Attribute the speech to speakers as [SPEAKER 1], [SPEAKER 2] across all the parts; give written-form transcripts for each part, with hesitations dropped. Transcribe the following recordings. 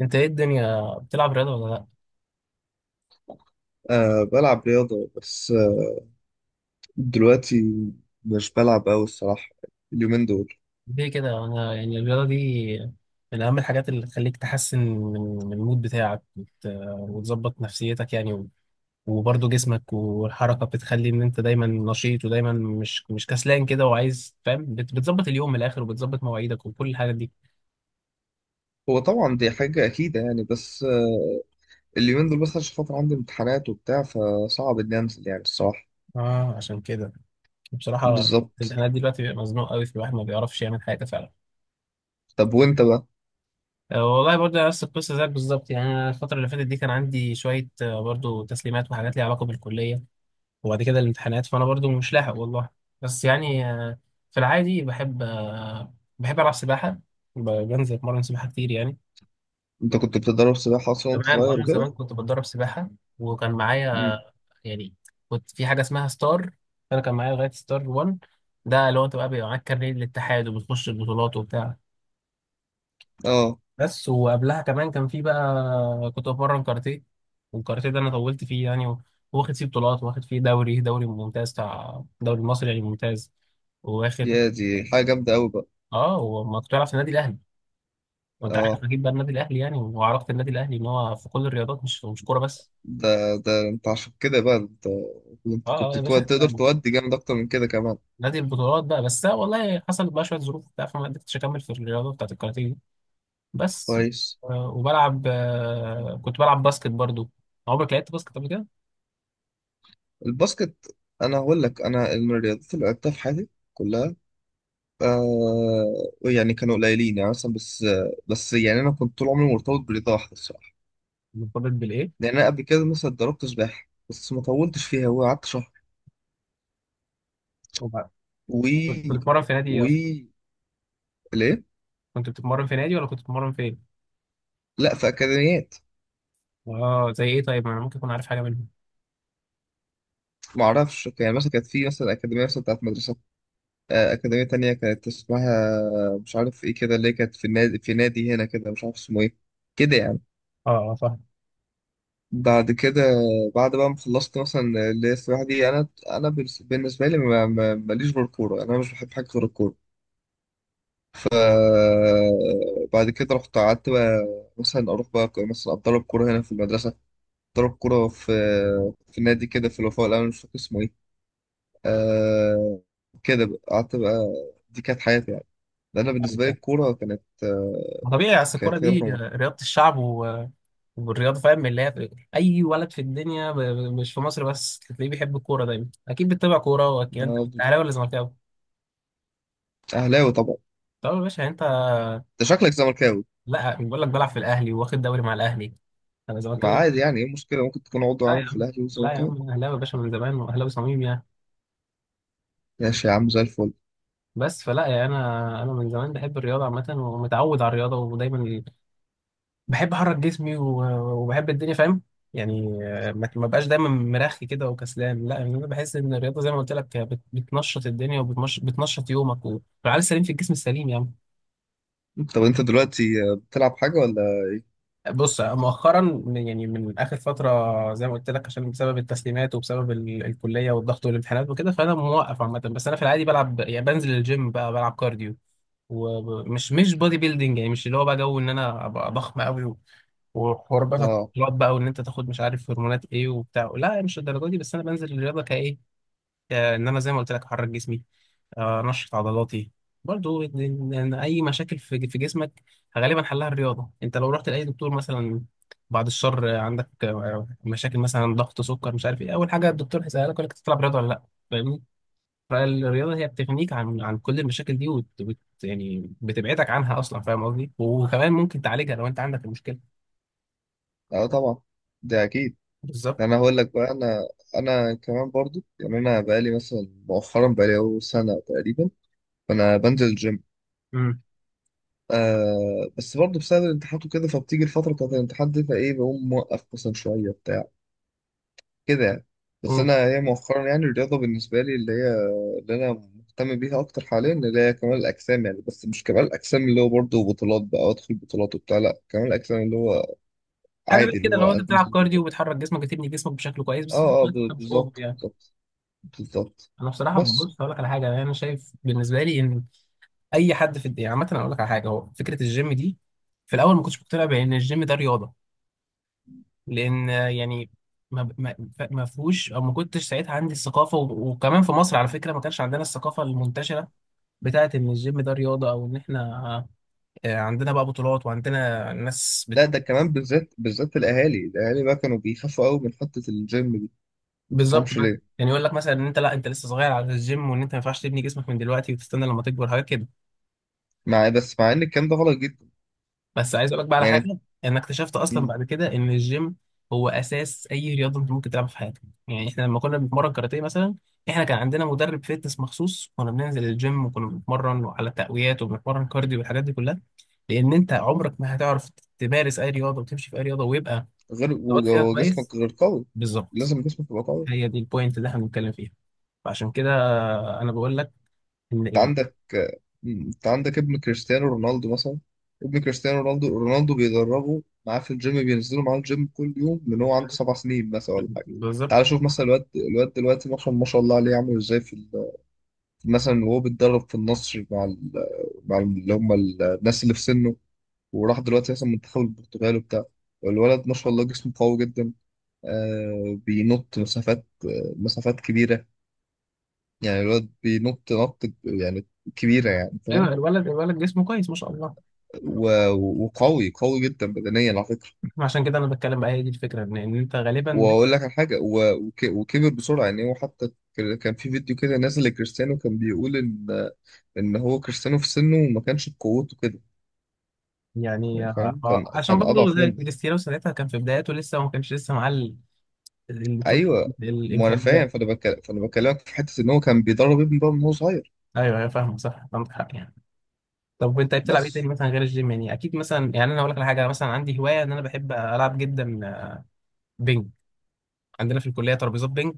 [SPEAKER 1] انت ايه الدنيا بتلعب رياضة ولا لا؟
[SPEAKER 2] بلعب رياضة، بس دلوقتي مش بلعب أوي الصراحة، اليومين دول.
[SPEAKER 1] ليه كده؟ انا يعني الرياضة دي من اهم الحاجات اللي تخليك تحسن من من المود بتاعك وتظبط نفسيتك يعني وبرضه جسمك والحركة بتخلي ان انت دايما نشيط ودايما مش كسلان كده وعايز فاهم بتظبط اليوم من الاخر وبتظبط مواعيدك وكل الحاجات دي.
[SPEAKER 2] هو طبعا دي حاجة أكيدة يعني، بس اليومين دول بس عشان خاطر عندي امتحانات وبتاع، فصعب إني أنزل يعني الصراحة.
[SPEAKER 1] اه عشان كده بصراحة،
[SPEAKER 2] بالظبط.
[SPEAKER 1] الامتحانات دلوقتي بيبقى مزنوق قوي في الواحد ما بيعرفش يعمل حاجة فعلا.
[SPEAKER 2] طب وأنت بقى؟
[SPEAKER 1] والله برضه نفس القصة زيك بالظبط يعني، أنا الفترة اللي فاتت دي كان عندي شوية برضه تسليمات وحاجات ليها علاقة بالكلية، وبعد كده الامتحانات فانا برضو مش لاحق والله. بس يعني في العادي بحب بحب العب سباحه. بنزل اتمرن سباحه كتير يعني.
[SPEAKER 2] أنت كنت بتتدرب سباحة أصلا وأنت
[SPEAKER 1] زمان،
[SPEAKER 2] صغير
[SPEAKER 1] انا
[SPEAKER 2] وكده؟
[SPEAKER 1] زمان كنت بتدرب سباحه، وكان معايا
[SPEAKER 2] مم.
[SPEAKER 1] يعني، كنت في حاجه اسمها ستار. انا كان معايا لغايه ستار 1، ده اللي هو انت بقى بيبقى معاك كارنيه للاتحاد وبتخش البطولات وبتاع.
[SPEAKER 2] أه،
[SPEAKER 1] بس وقبلها كمان كان في بقى، كنت بتمرن كاراتيه، والكاراتيه ده انا طولت فيه يعني واخد فيه بطولات، واخد فيه دوري ممتاز بتاع دوري مصري يعني ممتاز. واخد
[SPEAKER 2] يا دي حاجة جامدة أوي بقى.
[SPEAKER 1] اه. وما كنت بلعب في النادي الاهلي، وانت
[SPEAKER 2] أه،
[SPEAKER 1] عارف اكيد بقى النادي الاهلي يعني وعلاقه النادي الاهلي ان هو في كل الرياضات، مش كوره بس.
[SPEAKER 2] ده أنت عشان كده بقى، أنت
[SPEAKER 1] اه اه
[SPEAKER 2] كنت
[SPEAKER 1] يا باشا،
[SPEAKER 2] تقدر
[SPEAKER 1] احنا
[SPEAKER 2] تودي جامد أكتر من كده كمان.
[SPEAKER 1] نادي البطولات بقى. بس أنا والله حصل بقى شويه ظروف بتاع فما قدرتش اكمل في الرياضه بتاعت الكاراتيه دي بس.
[SPEAKER 2] كويس.
[SPEAKER 1] وبلعب كنت بلعب باسكت برضو. عمرك لعبت باسكت قبل كده؟
[SPEAKER 2] الباسكت، انا هقول لك، انا من الرياضات اللي لعبتها في حياتي كلها، آه، يعني كانوا قليلين يعني، مثلا، بس يعني انا كنت طول عمري مرتبط برياضه واحده الصراحه.
[SPEAKER 1] مرتبط بالايه؟
[SPEAKER 2] يعني انا قبل كده مثلا اتدربت سباحه، بس ما طولتش فيها وقعدت شهر و
[SPEAKER 1] كنت بتتمرن في نادي ايه
[SPEAKER 2] و
[SPEAKER 1] اصلا؟
[SPEAKER 2] ليه.
[SPEAKER 1] كنت بتتمرن في نادي ولا كنت بتتمرن فين؟
[SPEAKER 2] لا، في اكاديميات.
[SPEAKER 1] اه زي ايه طيب، ما انا ممكن اكون عارف حاجه منهم.
[SPEAKER 2] ما اعرفش، يعني مثلا كانت في مثلا اكاديميه مثلا بتاعت مدرسه، آه، اكاديميه تانية كانت اسمها مش عارف ايه كده، اللي هي كانت في النادي، في نادي هنا كده، مش عارف اسمه ايه، كده يعني.
[SPEAKER 1] اه اه فاهم.
[SPEAKER 2] بعد كده، بعد بقى ما خلصت مثلا اللي هي السباحة دي، أنا بالنس- بالنسبة لي، ماليش غير الكورة، أنا مش بحب حاجة غير الكورة. آه، بعد كده رحت قعدت بقى، مثلا أروح بقى مثلا أتدرب كورة هنا في المدرسة، أتدرب كورة في في نادي كده في الوفاء الأول، مش فاكر اسمه إيه. آه، كده بقى قعدت بقى، دي كانت حياتي يعني، ده أنا
[SPEAKER 1] فاهم
[SPEAKER 2] بالنسبة لي
[SPEAKER 1] طبعا.
[SPEAKER 2] الكورة كانت، آه،
[SPEAKER 1] ما طبيعي، اصل الكوره
[SPEAKER 2] كانت هي
[SPEAKER 1] دي
[SPEAKER 2] رقم واحد.
[SPEAKER 1] رياضه الشعب والرياضه فاهم اللي هي اي ولد في الدنيا مش في مصر بس تلاقيه بيحب الكوره، دايما اكيد بتتابع كوره، واكيد انت
[SPEAKER 2] أنا
[SPEAKER 1] اهلاوي ولا زملكاوي.
[SPEAKER 2] أهلاوي طبعا.
[SPEAKER 1] طب يا باشا انت،
[SPEAKER 2] أنت شكلك زملكاوي.
[SPEAKER 1] لا بقول لك بلعب في الاهلي واخد دوري مع الاهلي. انا
[SPEAKER 2] ما
[SPEAKER 1] زملكاوي.
[SPEAKER 2] عادي، يعني إيه المشكلة؟ ممكن تكون عضو
[SPEAKER 1] لا
[SPEAKER 2] عامل
[SPEAKER 1] يا
[SPEAKER 2] في
[SPEAKER 1] عم،
[SPEAKER 2] الأهلي
[SPEAKER 1] لا يا
[SPEAKER 2] وزملكاوي.
[SPEAKER 1] عم، أنا اهلاوي يا باشا من زمان، واهلاوي صميم يعني.
[SPEAKER 2] ماشي يا عم، زي الفل.
[SPEAKER 1] بس فلا يعني، انا انا من زمان بحب الرياضه عامه ومتعود على الرياضه ودايما بحب احرك جسمي وبحب الدنيا فاهم. يعني ما بقاش دايما مرخي كده وكسلان، لا، يعني انا بحس ان الرياضه زي ما قلت لك بتنشط الدنيا وبتنشط يومك، والعقل السليم في الجسم السليم يعني.
[SPEAKER 2] طب انت دلوقتي، آه، بتلعب حاجة ولا ايه؟
[SPEAKER 1] بص مؤخرا يعني من اخر فتره زي ما قلت لك، عشان بسبب التسليمات وبسبب الكليه والضغط والامتحانات وكده، فانا موقف عامه. بس انا في العادي بلعب يعني بنزل الجيم، بقى بلعب كارديو، ومش مش بودي بيلدينج يعني، مش اللي هو بقى جو ان انا ابقى ضخم قوي وحوار بقى
[SPEAKER 2] اه،
[SPEAKER 1] التطلعات، بقى وان انت تاخد مش عارف هرمونات ايه وبتاع، لا مش الدرجه دي، بس انا بنزل الرياضه كايه ان انا زي ما قلت لك احرك جسمي، انشط عضلاتي. برضو إن اي مشاكل في في جسمك غالبا حلها الرياضه. انت لو رحت لاي دكتور مثلا، بعد الشر عندك مشاكل مثلا ضغط سكر مش عارف ايه، اول حاجه الدكتور هيسالك يقول لك تلعب رياضه ولا لا، فاهمني؟ فالرياضه هي بتغنيك عن عن كل المشاكل دي، يعني بتبعدك عنها اصلا فاهم قصدي، وكمان ممكن تعالجها لو انت عندك المشكله.
[SPEAKER 2] اه، طبعا، ده اكيد.
[SPEAKER 1] بالظبط.
[SPEAKER 2] انا هقول لك بقى، انا كمان برضو، يعني انا بقالي مثلا مؤخرا، بقالي اهو سنة تقريبا، فانا بنزل الجيم، آه، بس برضو بسبب الامتحانات وكده، فبتيجي الفترة بتاعت الامتحان دي فايه بقوم موقف مثلا شوية، بتاع كده يعني. بس
[SPEAKER 1] مم.
[SPEAKER 2] انا هي مؤخرا يعني الرياضه بالنسبه لي اللي هي، اللي انا مهتم بيها اكتر حاليا، اللي هي كمال الاجسام، يعني بس مش كمال الاجسام اللي هو برضه بطولات بقى وادخل بطولات وبتاع، لا كمال الاجسام اللي هو
[SPEAKER 1] حاجه بقى
[SPEAKER 2] عادي، اللي
[SPEAKER 1] كده،
[SPEAKER 2] هو
[SPEAKER 1] لو انت بتلعب
[SPEAKER 2] انزل
[SPEAKER 1] كارديو وبتحرك جسمك، بتبني جسمك بشكل كويس بس
[SPEAKER 2] اه، اه،
[SPEAKER 1] انت مش اوفر
[SPEAKER 2] بالظبط
[SPEAKER 1] يعني.
[SPEAKER 2] بالظبط بالظبط.
[SPEAKER 1] انا بصراحه
[SPEAKER 2] بس
[SPEAKER 1] ببص اقول لك على حاجه، انا شايف بالنسبه لي ان اي حد في الدنيا عامه، اقول لك على حاجه، هو فكره الجيم دي. في الاول ما كنتش مقتنع بان الجيم ده رياضه، لان يعني ما ما فيهوش، او ما كنتش ساعتها عندي الثقافه وكمان في مصر على فكره ما كانش عندنا الثقافه المنتشره بتاعت ان الجيم ده رياضه، او ان احنا عندنا بقى بطولات وعندنا ناس.
[SPEAKER 2] لا، ده كمان بالذات، الاهالي بقى كانوا بيخافوا قوي من حته الجيم دي، ما
[SPEAKER 1] بالظبط
[SPEAKER 2] تفهمش
[SPEAKER 1] بقى
[SPEAKER 2] ليه.
[SPEAKER 1] يعني، يقول لك مثلا ان انت لا انت لسه صغير على الجيم، وان انت ما ينفعش تبني جسمك من دلوقتي، وتستنى لما تكبر، حاجات كده.
[SPEAKER 2] مع إيه؟ بس مع ان الكلام ده غلط جدا.
[SPEAKER 1] بس عايز اقول لك بقى على
[SPEAKER 2] يعني
[SPEAKER 1] حاجه، انا اكتشفت اصلا
[SPEAKER 2] م،
[SPEAKER 1] بعد كده ان الجيم هو اساس اي رياضه انت ممكن تلعبها في حياتك. يعني احنا لما كنا بنتمرن كاراتيه مثلا، احنا كان عندنا مدرب فيتنس مخصوص، كنا بننزل الجيم وكنا بنتمرن على التقويات وبنتمرن كارديو والحاجات دي كلها، لان انت عمرك ما هتعرف تمارس اي رياضه وتمشي في اي رياضه ويبقى
[SPEAKER 2] غير،
[SPEAKER 1] تبقى فيها كويس.
[SPEAKER 2] وجسمك غير قوي،
[SPEAKER 1] بالظبط.
[SPEAKER 2] لازم جسمك يبقى قوي.
[SPEAKER 1] هي دي البوينت اللي احنا بنتكلم فيها، فعشان كده انا بقول لك ان
[SPEAKER 2] انت
[SPEAKER 1] يعني،
[SPEAKER 2] عندك انت عندك ابن كريستيانو رونالدو مثلا، ابن كريستيانو رونالدو رونالدو بيدربه معاه في الجيم، بينزلوا معاه الجيم كل يوم من هو عنده 7 سنين مثلا ولا حاجه.
[SPEAKER 1] بالظبط.
[SPEAKER 2] تعال شوف مثلا الواد دلوقتي، مثلا ما شاء الله عليه عامل ازاي في مثلا وهو بيتدرب في النصر مع مع اللي هم الناس اللي في سنه، وراح دلوقتي مثلا منتخب البرتغال وبتاع، والولد ما شاء الله جسمه قوي جدا، آه، بينط مسافات، آه، مسافات كبيره، يعني الولد بينط نط يعني كبيره، يعني
[SPEAKER 1] ايوه،
[SPEAKER 2] فاهم،
[SPEAKER 1] الولد جسمه كويس ما شاء الله.
[SPEAKER 2] وقوي، قوي جدا بدنيا على فكرة.
[SPEAKER 1] عشان كده انا بتكلم بقى، هي دي الفكره، ان إن انت غالبا
[SPEAKER 2] واقول لك على حاجة، وكبر بسرعة، يعني هو حتى كان في فيديو كده نازل لكريستيانو كان بيقول ان ان هو كريستيانو في سنه ما كانش بقوته كده،
[SPEAKER 1] يعني
[SPEAKER 2] يعني فاهم، كان
[SPEAKER 1] عشان
[SPEAKER 2] كان
[SPEAKER 1] برضه
[SPEAKER 2] اضعف
[SPEAKER 1] زي
[SPEAKER 2] منه.
[SPEAKER 1] كريستيانو ساعتها كان في بداياته لسه، وما كانش لسه معاه ال-
[SPEAKER 2] ايوه، ما انا
[SPEAKER 1] الامكانيات.
[SPEAKER 2] فاهم، فانا بكلمك في حتة ان هو كان بيدرب ابنه بقى من هو صغير.
[SPEAKER 1] ايوه ايوه فاهمه صح، عندك حق يعني. طب وانت بتلعب ايه
[SPEAKER 2] بس
[SPEAKER 1] تاني مثلا غير الجيم يعني؟ اكيد مثلا، يعني انا هقول لك على حاجه، مثلا عندي هوايه ان انا بحب العب جدا بينج. عندنا في الكلية ترابيزات بينج،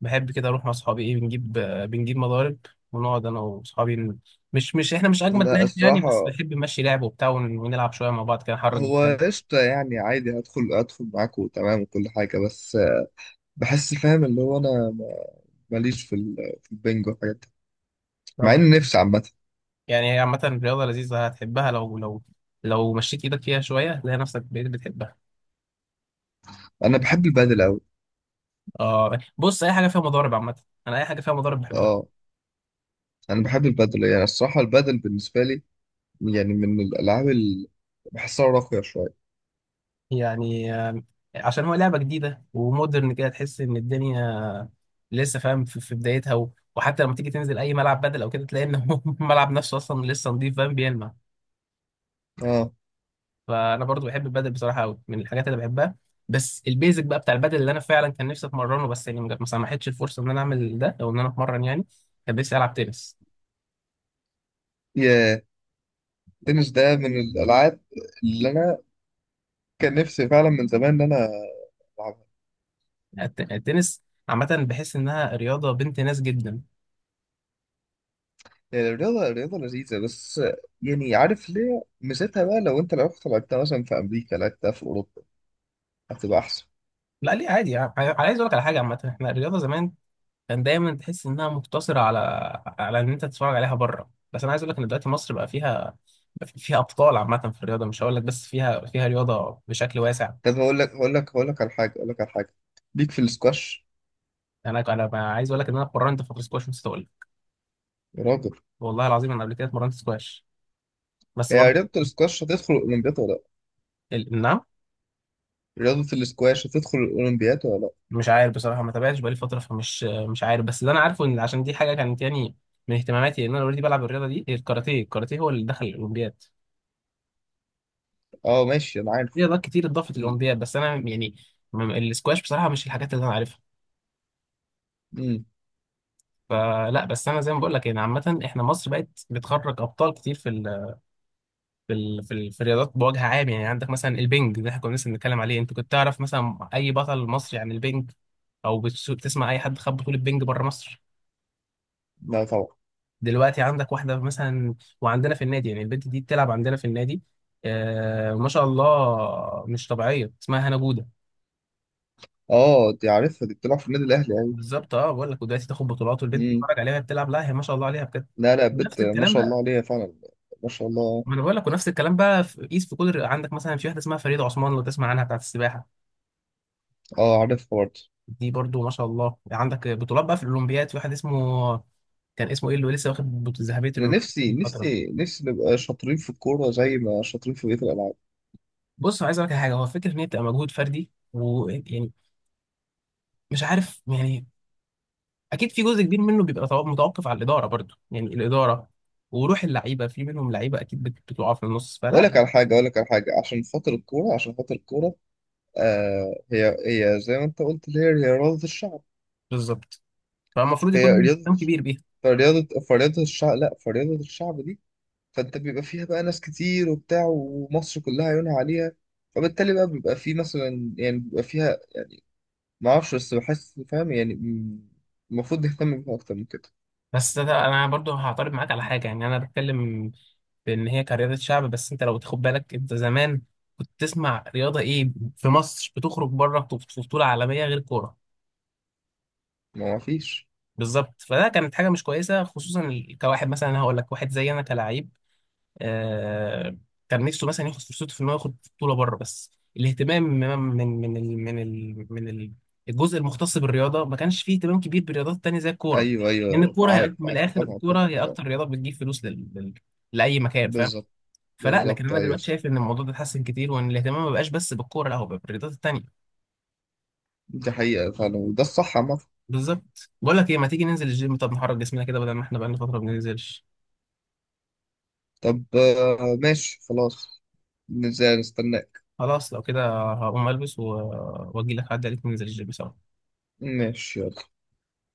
[SPEAKER 1] بحب كده أروح مع أصحابي إيه بنجيب بنجيب مضارب ونقعد أنا وأصحابي مش إحنا مش أجمد
[SPEAKER 2] لا
[SPEAKER 1] ناس يعني، بس
[SPEAKER 2] الصراحة،
[SPEAKER 1] بنحب نمشي لعب وبتاع ونلعب شوية مع بعض كده، نحرك
[SPEAKER 2] هو
[SPEAKER 1] جسمنا.
[SPEAKER 2] قشطة يعني، عادي هدخل معاك، وتمام وكل حاجة، بس بحس فاهم اللي هو انا ماليش في في البنج والحاجات،
[SPEAKER 1] طب
[SPEAKER 2] مع ان نفسي عامه.
[SPEAKER 1] يعني هي عامة رياضة لذيذة، هتحبها لو لو لو مشيت إيدك فيها شوية هتلاقي نفسك بقيت بتحبها.
[SPEAKER 2] انا بحب البادل قوي.
[SPEAKER 1] آه بص، أي حاجة فيها مضارب عامة أنا أي حاجة فيها مضارب بحبها.
[SPEAKER 2] اه، انا بحب البادل، يعني الصراحه البادل بالنسبه لي يعني من الالعاب اللي بحسها راقيه شويه.
[SPEAKER 1] يعني عشان هو لعبة جديدة ومودرن كده، تحس إن الدنيا لسه فاهم في في بدايتها، وحتى لما تيجي تنزل أي ملعب بدل أو كده، تلاقي إن هو الملعب نفسه أصلا لسه نضيف فاهم بيلمع.
[SPEAKER 2] اه،
[SPEAKER 1] فأنا برضو بحب البدل بصراحة أوي، من الحاجات اللي بحبها. بس البيزك بقى بتاع البدل اللي أنا فعلا كان نفسي أتمرنه، بس يعني ما سمحتش الفرصة إن أنا أعمل ده، أو إن أنا أتمرن يعني. كان نفسي ألعب تنس.
[SPEAKER 2] يا، التنس ده من الالعاب اللي انا كان نفسي فعلا من زمان ان انا العبها،
[SPEAKER 1] التنس عامة بحس إنها رياضة بنت ناس جدا.
[SPEAKER 2] يعني الرياضه، الرياضه لذيذه، بس يعني عارف ليه ميزتها بقى؟ لو انت لو رحت لعبتها مثلا في امريكا، لعبتها في اوروبا، هتبقى احسن.
[SPEAKER 1] لا ليه، عادي. عايز أقول لك على حاجة عامة، إحنا الرياضة زمان كان دايما تحس انها مقتصره على على ان انت تتفرج عليها بره، بس انا عايز اقول لك ان دلوقتي مصر بقى فيها فيها ابطال عامه في الرياضه، مش هقول لك بس فيها فيها رياضه بشكل واسع.
[SPEAKER 2] طب هقول لك على حاجه، ليك في السكواش.
[SPEAKER 1] انا انا بقى عايز اقول لك ان انا اتمرنت فتره سكواش، نسيت اقول لك.
[SPEAKER 2] يا راجل،
[SPEAKER 1] والله العظيم انا قبل كده اتمرنت سكواش بس
[SPEAKER 2] هي
[SPEAKER 1] برضه.
[SPEAKER 2] رياضه السكواش هتدخل الاولمبياد ولا لأ؟
[SPEAKER 1] نعم.
[SPEAKER 2] رياضة الاسكواش هتدخل الأولمبياد ولا لأ؟
[SPEAKER 1] مش عارف بصراحه، ما تابعتش بقالي فتره، فمش مش عارف، بس اللي انا عارفه ان عشان دي حاجه كانت يعني من اهتماماتي ان انا اوريدي بلعب الرياضه دي هي الكاراتيه، الكاراتيه هو اللي دخل الاولمبياد.
[SPEAKER 2] اه ماشي، أنا
[SPEAKER 1] في
[SPEAKER 2] عارف.
[SPEAKER 1] رياضات كتير اتضافت
[SPEAKER 2] ال-
[SPEAKER 1] للاولمبياد، بس انا يعني السكواش بصراحه مش الحاجات اللي انا عارفها،
[SPEAKER 2] مم.
[SPEAKER 1] فلا. بس انا زي ما بقول لك يعني عامه، احنا مصر بقت بتخرج ابطال كتير في ال في ال في, ال في الرياضات بوجه عام. يعني عندك مثلا البنج ده احنا كنا لسه بنتكلم عليه، انت كنت تعرف مثلا اي بطل مصري عن البنج، او بتسمع اي حد خد بطوله بنج بره مصر؟
[SPEAKER 2] لا طبعا.
[SPEAKER 1] دلوقتي عندك واحده مثلا، وعندنا في النادي، يعني البنت دي بتلعب عندنا في النادي، آه ما شاء الله مش طبيعيه، اسمها هنا جوده.
[SPEAKER 2] اه، دي عارفها، دي بتلعب في النادي الأهلي أوي.
[SPEAKER 1] بالظبط، اه بقول لك، ودلوقتي تاخد بطولات والبنت
[SPEAKER 2] مم.
[SPEAKER 1] تتفرج عليها بتلعب، لا هي ما شاء الله عليها بجد.
[SPEAKER 2] لا لا، بت
[SPEAKER 1] نفس
[SPEAKER 2] ما
[SPEAKER 1] الكلام
[SPEAKER 2] شاء الله
[SPEAKER 1] بقى،
[SPEAKER 2] عليها فعلا، ما شاء الله.
[SPEAKER 1] ما انا بقول لك، ونفس الكلام بقى في قيس في كل الرياضة. عندك مثلا في واحده اسمها فريده عثمان لو تسمع عنها، بتاعت السباحه.
[SPEAKER 2] اه عارفها برضه.
[SPEAKER 1] دي برضو ما شاء الله عندك بطولات بقى في الاولمبياد. في واحد اسمه كان اسمه ايه اللي لسه واخد ذهبيه
[SPEAKER 2] أنا
[SPEAKER 1] الاولمبياد من فتره.
[SPEAKER 2] نفسي نبقى شاطرين في الكورة زي ما شاطرين في بقية الألعاب.
[SPEAKER 1] بص عايز اقول لك على حاجه، هو فكره ان هي بتبقى مجهود فردي ويعني مش عارف يعني، اكيد في جزء كبير منه بيبقى متوقف على الاداره، برضو يعني الاداره وروح اللعيبه، في منهم لعيبه اكيد بتقع في النص، فلا.
[SPEAKER 2] أقول لك على حاجة، عشان خاطر الكورة، آه، هي هي زي ما أنت قلت، اللي هي هي رياضة الشعب.
[SPEAKER 1] بالظبط، فالمفروض
[SPEAKER 2] هي
[SPEAKER 1] يكون
[SPEAKER 2] رياضة،
[SPEAKER 1] اهتمام كبير بيها.
[SPEAKER 2] فرياضة الشعب، لا فرياضة الشعب دي فانت بيبقى فيها بقى ناس كتير وبتاع، ومصر كلها عيونها عليها، فبالتالي بقى بيبقى في مثلا يعني بيبقى فيها، ما اعرفش، بس بحس فاهم يعني، المفروض نهتم بيها اكتر من كده.
[SPEAKER 1] بس ده انا برضو هعترض معاك على حاجه يعني. انا بتكلم بان هي كرياضه شعب، بس انت لو تاخد بالك انت زمان كنت تسمع رياضه ايه في مصر بتخرج بره في بطوله عالميه غير كوره؟
[SPEAKER 2] ما ما فيش.
[SPEAKER 1] بالظبط. فده كانت حاجه مش كويسه، خصوصا كواحد مثلا، أنا هقول لك واحد زي انا كلاعب آه، كان نفسه مثلا ياخد فرصته في انه ياخد بطوله بره، بس الاهتمام من من ال من ال من ال- الجزء المختص بالرياضه، ما كانش فيه اهتمام كبير بالرياضات التانيه زي الكوره،
[SPEAKER 2] ايوه
[SPEAKER 1] لان
[SPEAKER 2] ايوه
[SPEAKER 1] الكوره هي
[SPEAKER 2] معاك
[SPEAKER 1] من
[SPEAKER 2] معاك
[SPEAKER 1] الاخر،
[SPEAKER 2] طبعا.
[SPEAKER 1] الكوره هي
[SPEAKER 2] طبعاً.
[SPEAKER 1] اكتر رياضه بتجيب فلوس لاي مكان فاهم.
[SPEAKER 2] بالظبط.
[SPEAKER 1] فلا، لكن
[SPEAKER 2] بالظبط،
[SPEAKER 1] انا
[SPEAKER 2] ايوه،
[SPEAKER 1] دلوقتي
[SPEAKER 2] صح،
[SPEAKER 1] شايف ان الموضوع ده اتحسن كتير، وان الاهتمام ما بقاش بس بالكوره، لا هو بقى بالرياضات التانيه.
[SPEAKER 2] دي حقيقة فعلا، وده الصح عامة.
[SPEAKER 1] بالظبط، بقول لك ايه، ما تيجي ننزل الجيم، طب نحرك جسمنا كده، بدل ما احنا بقالنا فتره ما بننزلش.
[SPEAKER 2] طب آه، ماشي، خلاص، نزل نستناك.
[SPEAKER 1] خلاص لو كده هقوم البس واجي لك عدى عليك ننزل الجيم سوا.
[SPEAKER 2] ماشي، يلا.